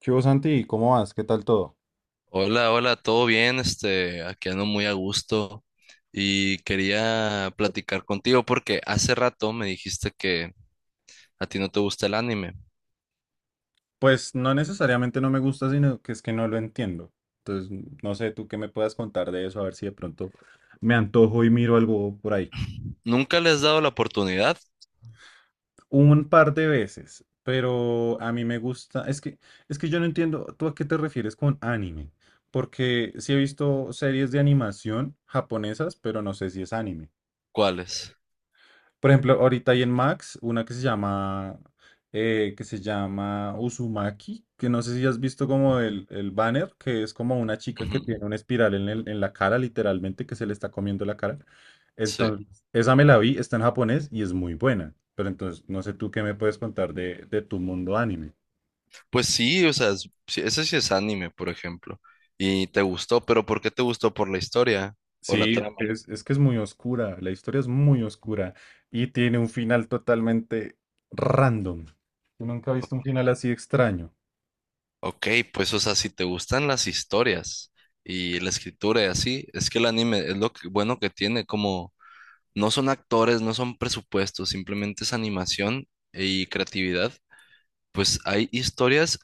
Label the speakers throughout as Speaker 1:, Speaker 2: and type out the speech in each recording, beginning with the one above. Speaker 1: ¿Qué hubo, Santi? ¿Cómo vas? ¿Qué tal todo?
Speaker 2: Hola, hola, todo bien, aquí ando muy a gusto y quería platicar contigo porque hace rato me dijiste que a ti no te gusta el anime.
Speaker 1: Pues no necesariamente no me gusta, sino que es que no lo entiendo. Entonces, no sé, tú qué me puedas contar de eso, a ver si de pronto me antojo y miro algo por ahí.
Speaker 2: ¿Nunca le has dado la oportunidad?
Speaker 1: Un par de veces, pero a mí me gusta, es que yo no entiendo, ¿tú a qué te refieres con anime? Porque sí he visto series de animación japonesas, pero no sé si es anime.
Speaker 2: ¿Cuáles?
Speaker 1: Por ejemplo, ahorita hay en Max una que se llama Uzumaki, que no sé si has visto como el banner, que es como una chica
Speaker 2: Ujú.
Speaker 1: que tiene una espiral en en la cara, literalmente, que se le está comiendo la cara.
Speaker 2: Sí.
Speaker 1: Entonces, esa me la vi, está en japonés y es muy buena. Pero entonces, no sé tú qué me puedes contar de tu mundo anime.
Speaker 2: Pues sí, o sea, sí, ese sí es anime, por ejemplo. Y te gustó, pero ¿por qué te gustó? ¿Por la historia o la
Speaker 1: Sí,
Speaker 2: trama?
Speaker 1: es que es muy oscura, la historia es muy oscura y tiene un final totalmente random. Yo nunca he visto un
Speaker 2: Ok,
Speaker 1: final así extraño.
Speaker 2: ok, pues o sea, si te gustan las historias y la escritura y así, es que el anime es bueno, que tiene como no son actores, no son presupuestos, simplemente es animación y creatividad. Pues hay historias,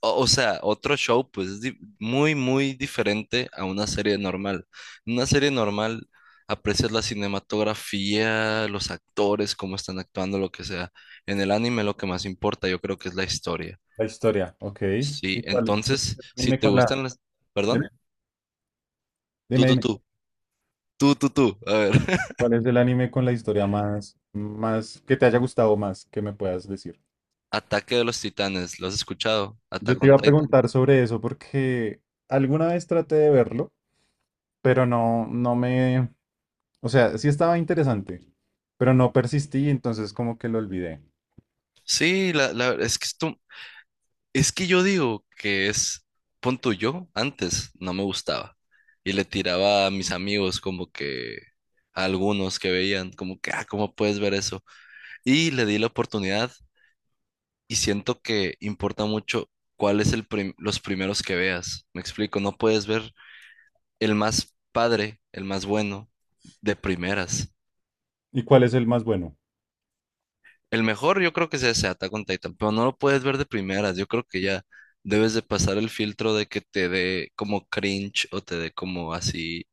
Speaker 2: o sea, otro show, pues es muy, muy diferente a una serie normal. En una serie normal aprecias la cinematografía, los actores, cómo están actuando, lo que sea. En el anime lo que más importa, yo creo que es la historia.
Speaker 1: La historia, ok.
Speaker 2: Sí,
Speaker 1: ¿Y cuál es
Speaker 2: entonces,
Speaker 1: el
Speaker 2: si
Speaker 1: anime
Speaker 2: te
Speaker 1: con la...
Speaker 2: gustan las... Perdón,
Speaker 1: Dime,
Speaker 2: tú,
Speaker 1: dime,
Speaker 2: tú,
Speaker 1: dime.
Speaker 2: tú, tú, tú, tú. A ver,
Speaker 1: ¿Cuál es el anime con la historia más, más, que te haya gustado más, que me puedas decir?
Speaker 2: Ataque de los Titanes, ¿lo has escuchado?
Speaker 1: Yo
Speaker 2: Attack
Speaker 1: te
Speaker 2: on
Speaker 1: iba a
Speaker 2: Titan.
Speaker 1: preguntar sobre eso porque alguna vez traté de verlo, pero no, no me, o sea, sí estaba interesante, pero no persistí, entonces como que lo olvidé.
Speaker 2: Sí, es que esto, es que yo digo que es, pon tú, yo antes no me gustaba y le tiraba a mis amigos como que a algunos que veían como que, ah, ¿cómo puedes ver eso? Y le di la oportunidad y siento que importa mucho cuál es los primeros que veas. Me explico, no puedes ver el más padre, el más bueno de primeras.
Speaker 1: ¿Y cuál es el más bueno?
Speaker 2: El mejor yo creo que es ese Attack on Titan, pero no lo puedes ver de primeras. Yo creo que ya debes de pasar el filtro de que te dé como cringe o te dé como así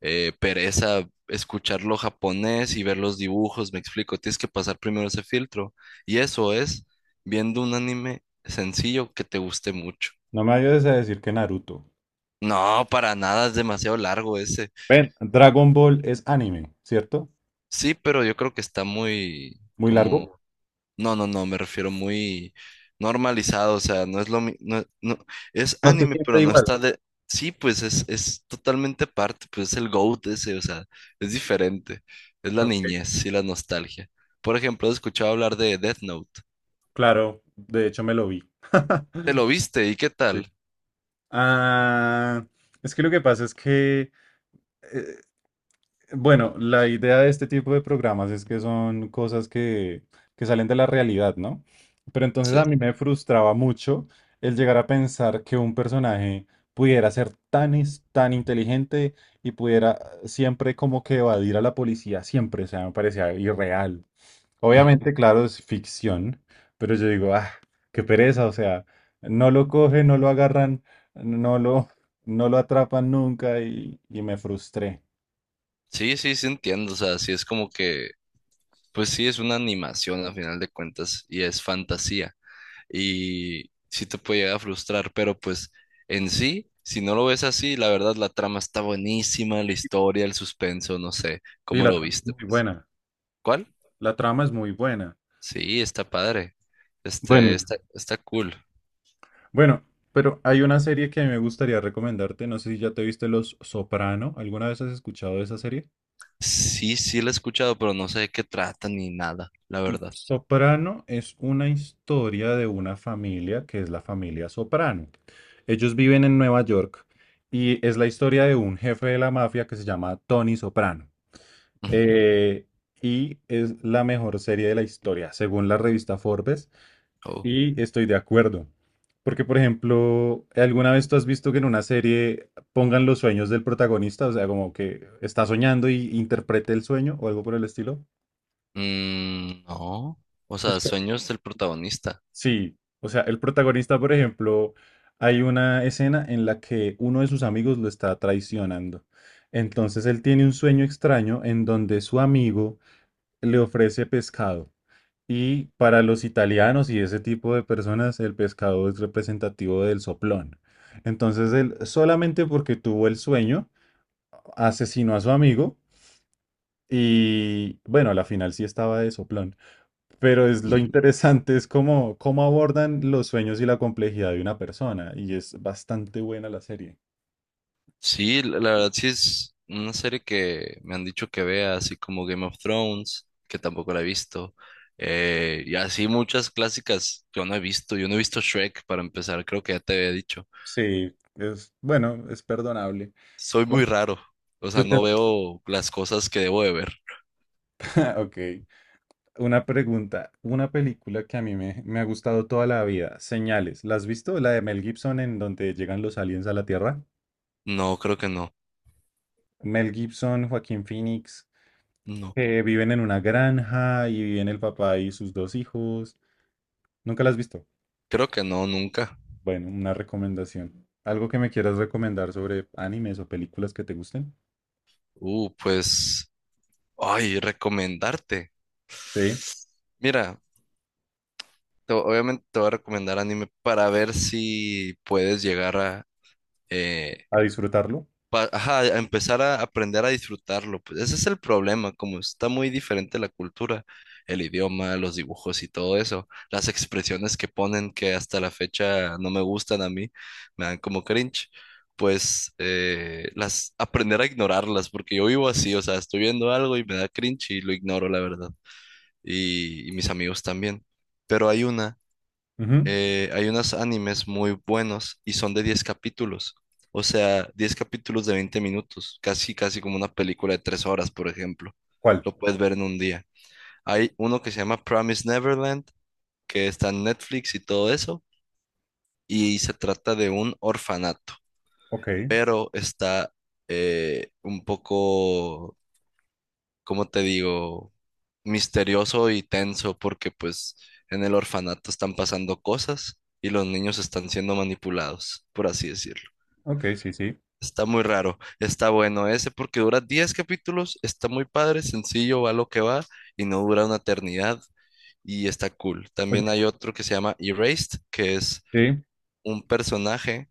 Speaker 2: pereza escucharlo japonés y ver los dibujos, me explico. Tienes que pasar primero ese filtro. Y eso es viendo un anime sencillo que te guste mucho.
Speaker 1: No me vayas a decir que Naruto.
Speaker 2: No, para nada, es demasiado largo ese.
Speaker 1: Ven, Dragon Ball es anime, ¿cierto?
Speaker 2: Sí, pero yo creo que está muy
Speaker 1: Muy
Speaker 2: como...
Speaker 1: largo.
Speaker 2: No, no, no, me refiero muy normalizado, o sea, no es no, no, es
Speaker 1: No se
Speaker 2: anime,
Speaker 1: siente
Speaker 2: pero no
Speaker 1: igual.
Speaker 2: está de... Sí, pues es totalmente aparte, pues es el GOAT ese, o sea, es diferente, es la
Speaker 1: Ok,
Speaker 2: niñez y la nostalgia. Por ejemplo, he escuchado hablar de Death Note.
Speaker 1: claro, de hecho me lo vi.
Speaker 2: ¿Te lo viste y qué
Speaker 1: Sí.
Speaker 2: tal?
Speaker 1: Ah, es que lo que pasa es que, eh, bueno, la idea de este tipo de programas es que son cosas que salen de la realidad, ¿no? Pero entonces a
Speaker 2: Sí.
Speaker 1: mí me frustraba mucho el llegar a pensar que un personaje pudiera ser tan, tan inteligente y pudiera siempre como que evadir a la policía, siempre, o sea, me parecía irreal.
Speaker 2: Ujú.
Speaker 1: Obviamente, claro, es ficción, pero yo digo, ah, qué pereza, o sea, no lo cogen, no lo agarran, no lo, no lo atrapan nunca y me frustré.
Speaker 2: Sí, sí, sí entiendo, o sea, sí es como que, pues sí, es una animación a final de cuentas y es fantasía, y sí te puede llegar a frustrar, pero pues en sí, si no lo ves así, la verdad la trama está buenísima, la historia, el suspenso, no sé,
Speaker 1: Sí,
Speaker 2: ¿cómo
Speaker 1: la
Speaker 2: lo
Speaker 1: trama es
Speaker 2: viste,
Speaker 1: muy
Speaker 2: pues?
Speaker 1: buena.
Speaker 2: ¿Cuál?
Speaker 1: La trama es muy buena.
Speaker 2: Sí, está padre.
Speaker 1: Bueno,
Speaker 2: Este,
Speaker 1: y-
Speaker 2: está, está cool.
Speaker 1: Bueno, pero hay una serie que a mí me gustaría recomendarte, no sé si ya te viste Los Soprano, ¿alguna vez has escuchado de esa serie?
Speaker 2: Sí, sí la he escuchado, pero no sé de qué trata ni nada, la
Speaker 1: Mm,
Speaker 2: verdad.
Speaker 1: Soprano es una historia de una familia que es la familia Soprano. Ellos viven en Nueva York y es la historia de un jefe de la mafia que se llama Tony Soprano.
Speaker 2: Ujú.
Speaker 1: Eh, y es la mejor serie de la historia, según la revista Forbes.
Speaker 2: Oh.
Speaker 1: Y estoy de acuerdo. Porque, por ejemplo, ¿alguna vez tú has visto que en una serie pongan los sueños del protagonista? O sea, como que está soñando y interprete el sueño o algo por el estilo.
Speaker 2: Mm, no, o sea, sueños del protagonista.
Speaker 1: Sí, o sea, el protagonista, por ejemplo, hay una escena en la que uno de sus amigos lo está traicionando. Entonces él tiene un sueño extraño en donde su amigo le ofrece pescado. Y para los italianos y ese tipo de personas, el pescado es representativo del soplón. Entonces él, solamente porque tuvo el sueño, asesinó a su amigo y bueno, a la final sí estaba de soplón. Pero es lo interesante es cómo, cómo abordan los sueños y la complejidad de una persona. Y es bastante buena la serie.
Speaker 2: Sí, la verdad sí es una serie que me han dicho que vea, así como Game of Thrones, que tampoco la he visto, y así muchas clásicas que yo no he visto. Yo no he visto Shrek para empezar, creo que ya te había dicho.
Speaker 1: Sí, es bueno, es perdonable.
Speaker 2: Soy muy
Speaker 1: Bueno,
Speaker 2: raro, o
Speaker 1: tú
Speaker 2: sea,
Speaker 1: te-
Speaker 2: no veo las cosas que debo de ver.
Speaker 1: Ok, una pregunta. Una película que a mí me, me ha gustado toda la vida, Señales. ¿La has visto? La de Mel Gibson en donde llegan los aliens a la Tierra.
Speaker 2: No, creo que no,
Speaker 1: Mel Gibson, Joaquín Phoenix,
Speaker 2: no,
Speaker 1: que viven en una granja y viven el papá y sus dos hijos. ¿Nunca la has visto?
Speaker 2: creo que no, nunca.
Speaker 1: Bueno, una recomendación. ¿Algo que me quieras recomendar sobre animes o películas que te gusten?
Speaker 2: Pues, ay, recomendarte.
Speaker 1: Sí.
Speaker 2: Mira, obviamente te voy a recomendar anime para ver si puedes llegar a... eh,
Speaker 1: ¿A disfrutarlo?
Speaker 2: ajá, a empezar a aprender a disfrutarlo, pues ese es el problema, como está muy diferente la cultura, el idioma, los dibujos y todo eso, las expresiones que ponen que hasta la fecha no me gustan a mí, me dan como cringe, pues las aprender a ignorarlas, porque yo vivo así, o sea, estoy viendo algo y me da cringe y lo ignoro, la verdad, y mis amigos también, pero hay una
Speaker 1: Ujú.
Speaker 2: hay unos animes muy buenos y son de 10 capítulos. O sea, 10 capítulos de 20 minutos, casi, casi como una película de 3 horas, por ejemplo.
Speaker 1: ¿Cuál?
Speaker 2: Lo puedes ver en un día. Hay uno que se llama Promise Neverland, que está en Netflix y todo eso, y se trata de un orfanato,
Speaker 1: Ok,
Speaker 2: pero está un poco, como te digo, misterioso y tenso porque pues en el orfanato están pasando cosas y los niños están siendo manipulados, por así decirlo.
Speaker 1: ok, sí, sí.
Speaker 2: Está muy raro, está bueno ese porque dura 10 capítulos, está muy padre, sencillo, va lo que va y no dura una eternidad y está cool.
Speaker 1: Oye,
Speaker 2: También hay otro que se llama Erased, que es
Speaker 1: sí.
Speaker 2: un personaje,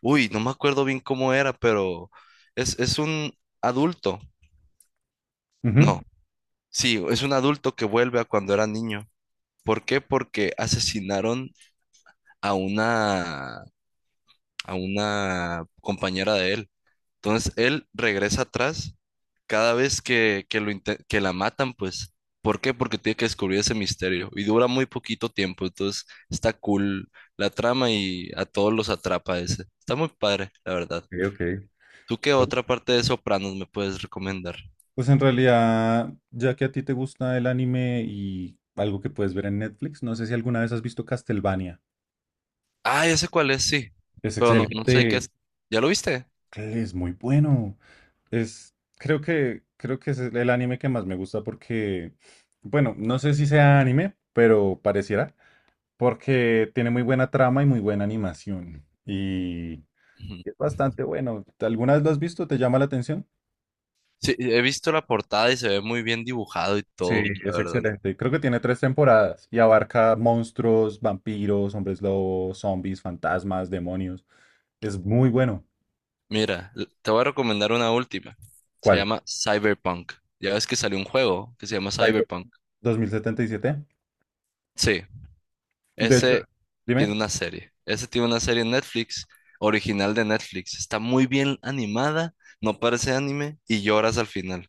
Speaker 2: uy, no me acuerdo bien cómo era, pero es un adulto,
Speaker 1: Ujú.
Speaker 2: no, sí, es un adulto que vuelve a cuando era niño. ¿Por qué? Porque asesinaron a una, a una compañera de él. Entonces él regresa atrás cada vez que, que la matan, pues. ¿Por qué? Porque tiene que descubrir ese misterio y dura muy poquito tiempo. Entonces está cool la trama y a todos los atrapa ese. Está muy padre, la verdad.
Speaker 1: Ok, ok.
Speaker 2: ¿Tú qué
Speaker 1: Pues
Speaker 2: otra parte de Sopranos me puedes recomendar?
Speaker 1: pues en realidad, ya que a ti te gusta el anime y algo que puedes ver en Netflix, no sé si alguna vez has visto Castlevania.
Speaker 2: Ah, ya sé cuál es, sí.
Speaker 1: Es
Speaker 2: Pero no, no sé qué
Speaker 1: excelente,
Speaker 2: es. ¿Ya lo viste?
Speaker 1: es muy bueno. Es, creo que es el anime que más me gusta porque, bueno, no sé si sea anime, pero pareciera. Porque tiene muy buena trama y muy buena animación. Y es bastante bueno. ¿Alguna vez lo has visto? ¿Te llama la atención?
Speaker 2: Sí, he visto la portada y se ve muy bien dibujado y
Speaker 1: Sí,
Speaker 2: todo, la
Speaker 1: es
Speaker 2: verdad.
Speaker 1: excelente. Creo que tiene 3 temporadas y abarca monstruos, vampiros, hombres lobos, zombies, fantasmas, demonios. Es muy bueno.
Speaker 2: Mira, te voy a recomendar una última. Se
Speaker 1: ¿Cuál?
Speaker 2: llama Cyberpunk. Ya ves que salió un juego que se llama
Speaker 1: Cyber
Speaker 2: Cyberpunk.
Speaker 1: 2077.
Speaker 2: Sí,
Speaker 1: De hecho,
Speaker 2: ese tiene
Speaker 1: dime.
Speaker 2: una serie. Ese tiene una serie en Netflix, original de Netflix. Está muy bien animada, no parece anime y lloras al final.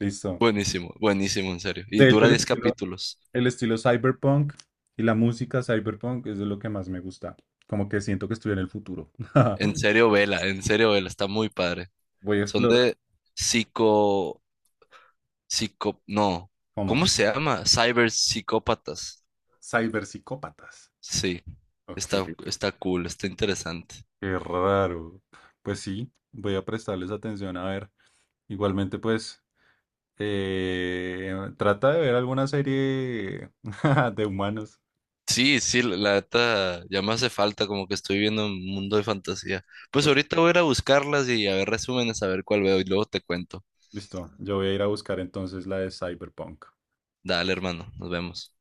Speaker 1: Listo.
Speaker 2: Buenísimo, buenísimo, en serio. Y
Speaker 1: De hecho,
Speaker 2: dura 10 capítulos.
Speaker 1: el estilo cyberpunk y la música cyberpunk es de lo que más me gusta. Como que siento que estoy en el futuro.
Speaker 2: En serio, vela, en serio, vela. Está muy padre.
Speaker 1: Voy a
Speaker 2: Son
Speaker 1: explorar
Speaker 2: de psico... No.
Speaker 1: cómo.
Speaker 2: ¿Cómo se llama? Cyber psicópatas.
Speaker 1: Cyberpsicópatas.
Speaker 2: Sí.
Speaker 1: Ok,
Speaker 2: Está, está cool, está interesante.
Speaker 1: qué raro. Pues sí, voy a prestarles atención a ver. Igualmente, pues, trata de ver alguna serie de humanos.
Speaker 2: Sí, sí, la neta ya me hace falta, como que estoy viviendo un mundo de fantasía. Pues
Speaker 1: Mucho.
Speaker 2: ahorita voy a ir a buscarlas y a ver resúmenes, a ver cuál veo y luego te cuento.
Speaker 1: Listo, yo voy a ir a buscar entonces la de Cyberpunk.
Speaker 2: Dale, hermano, nos vemos.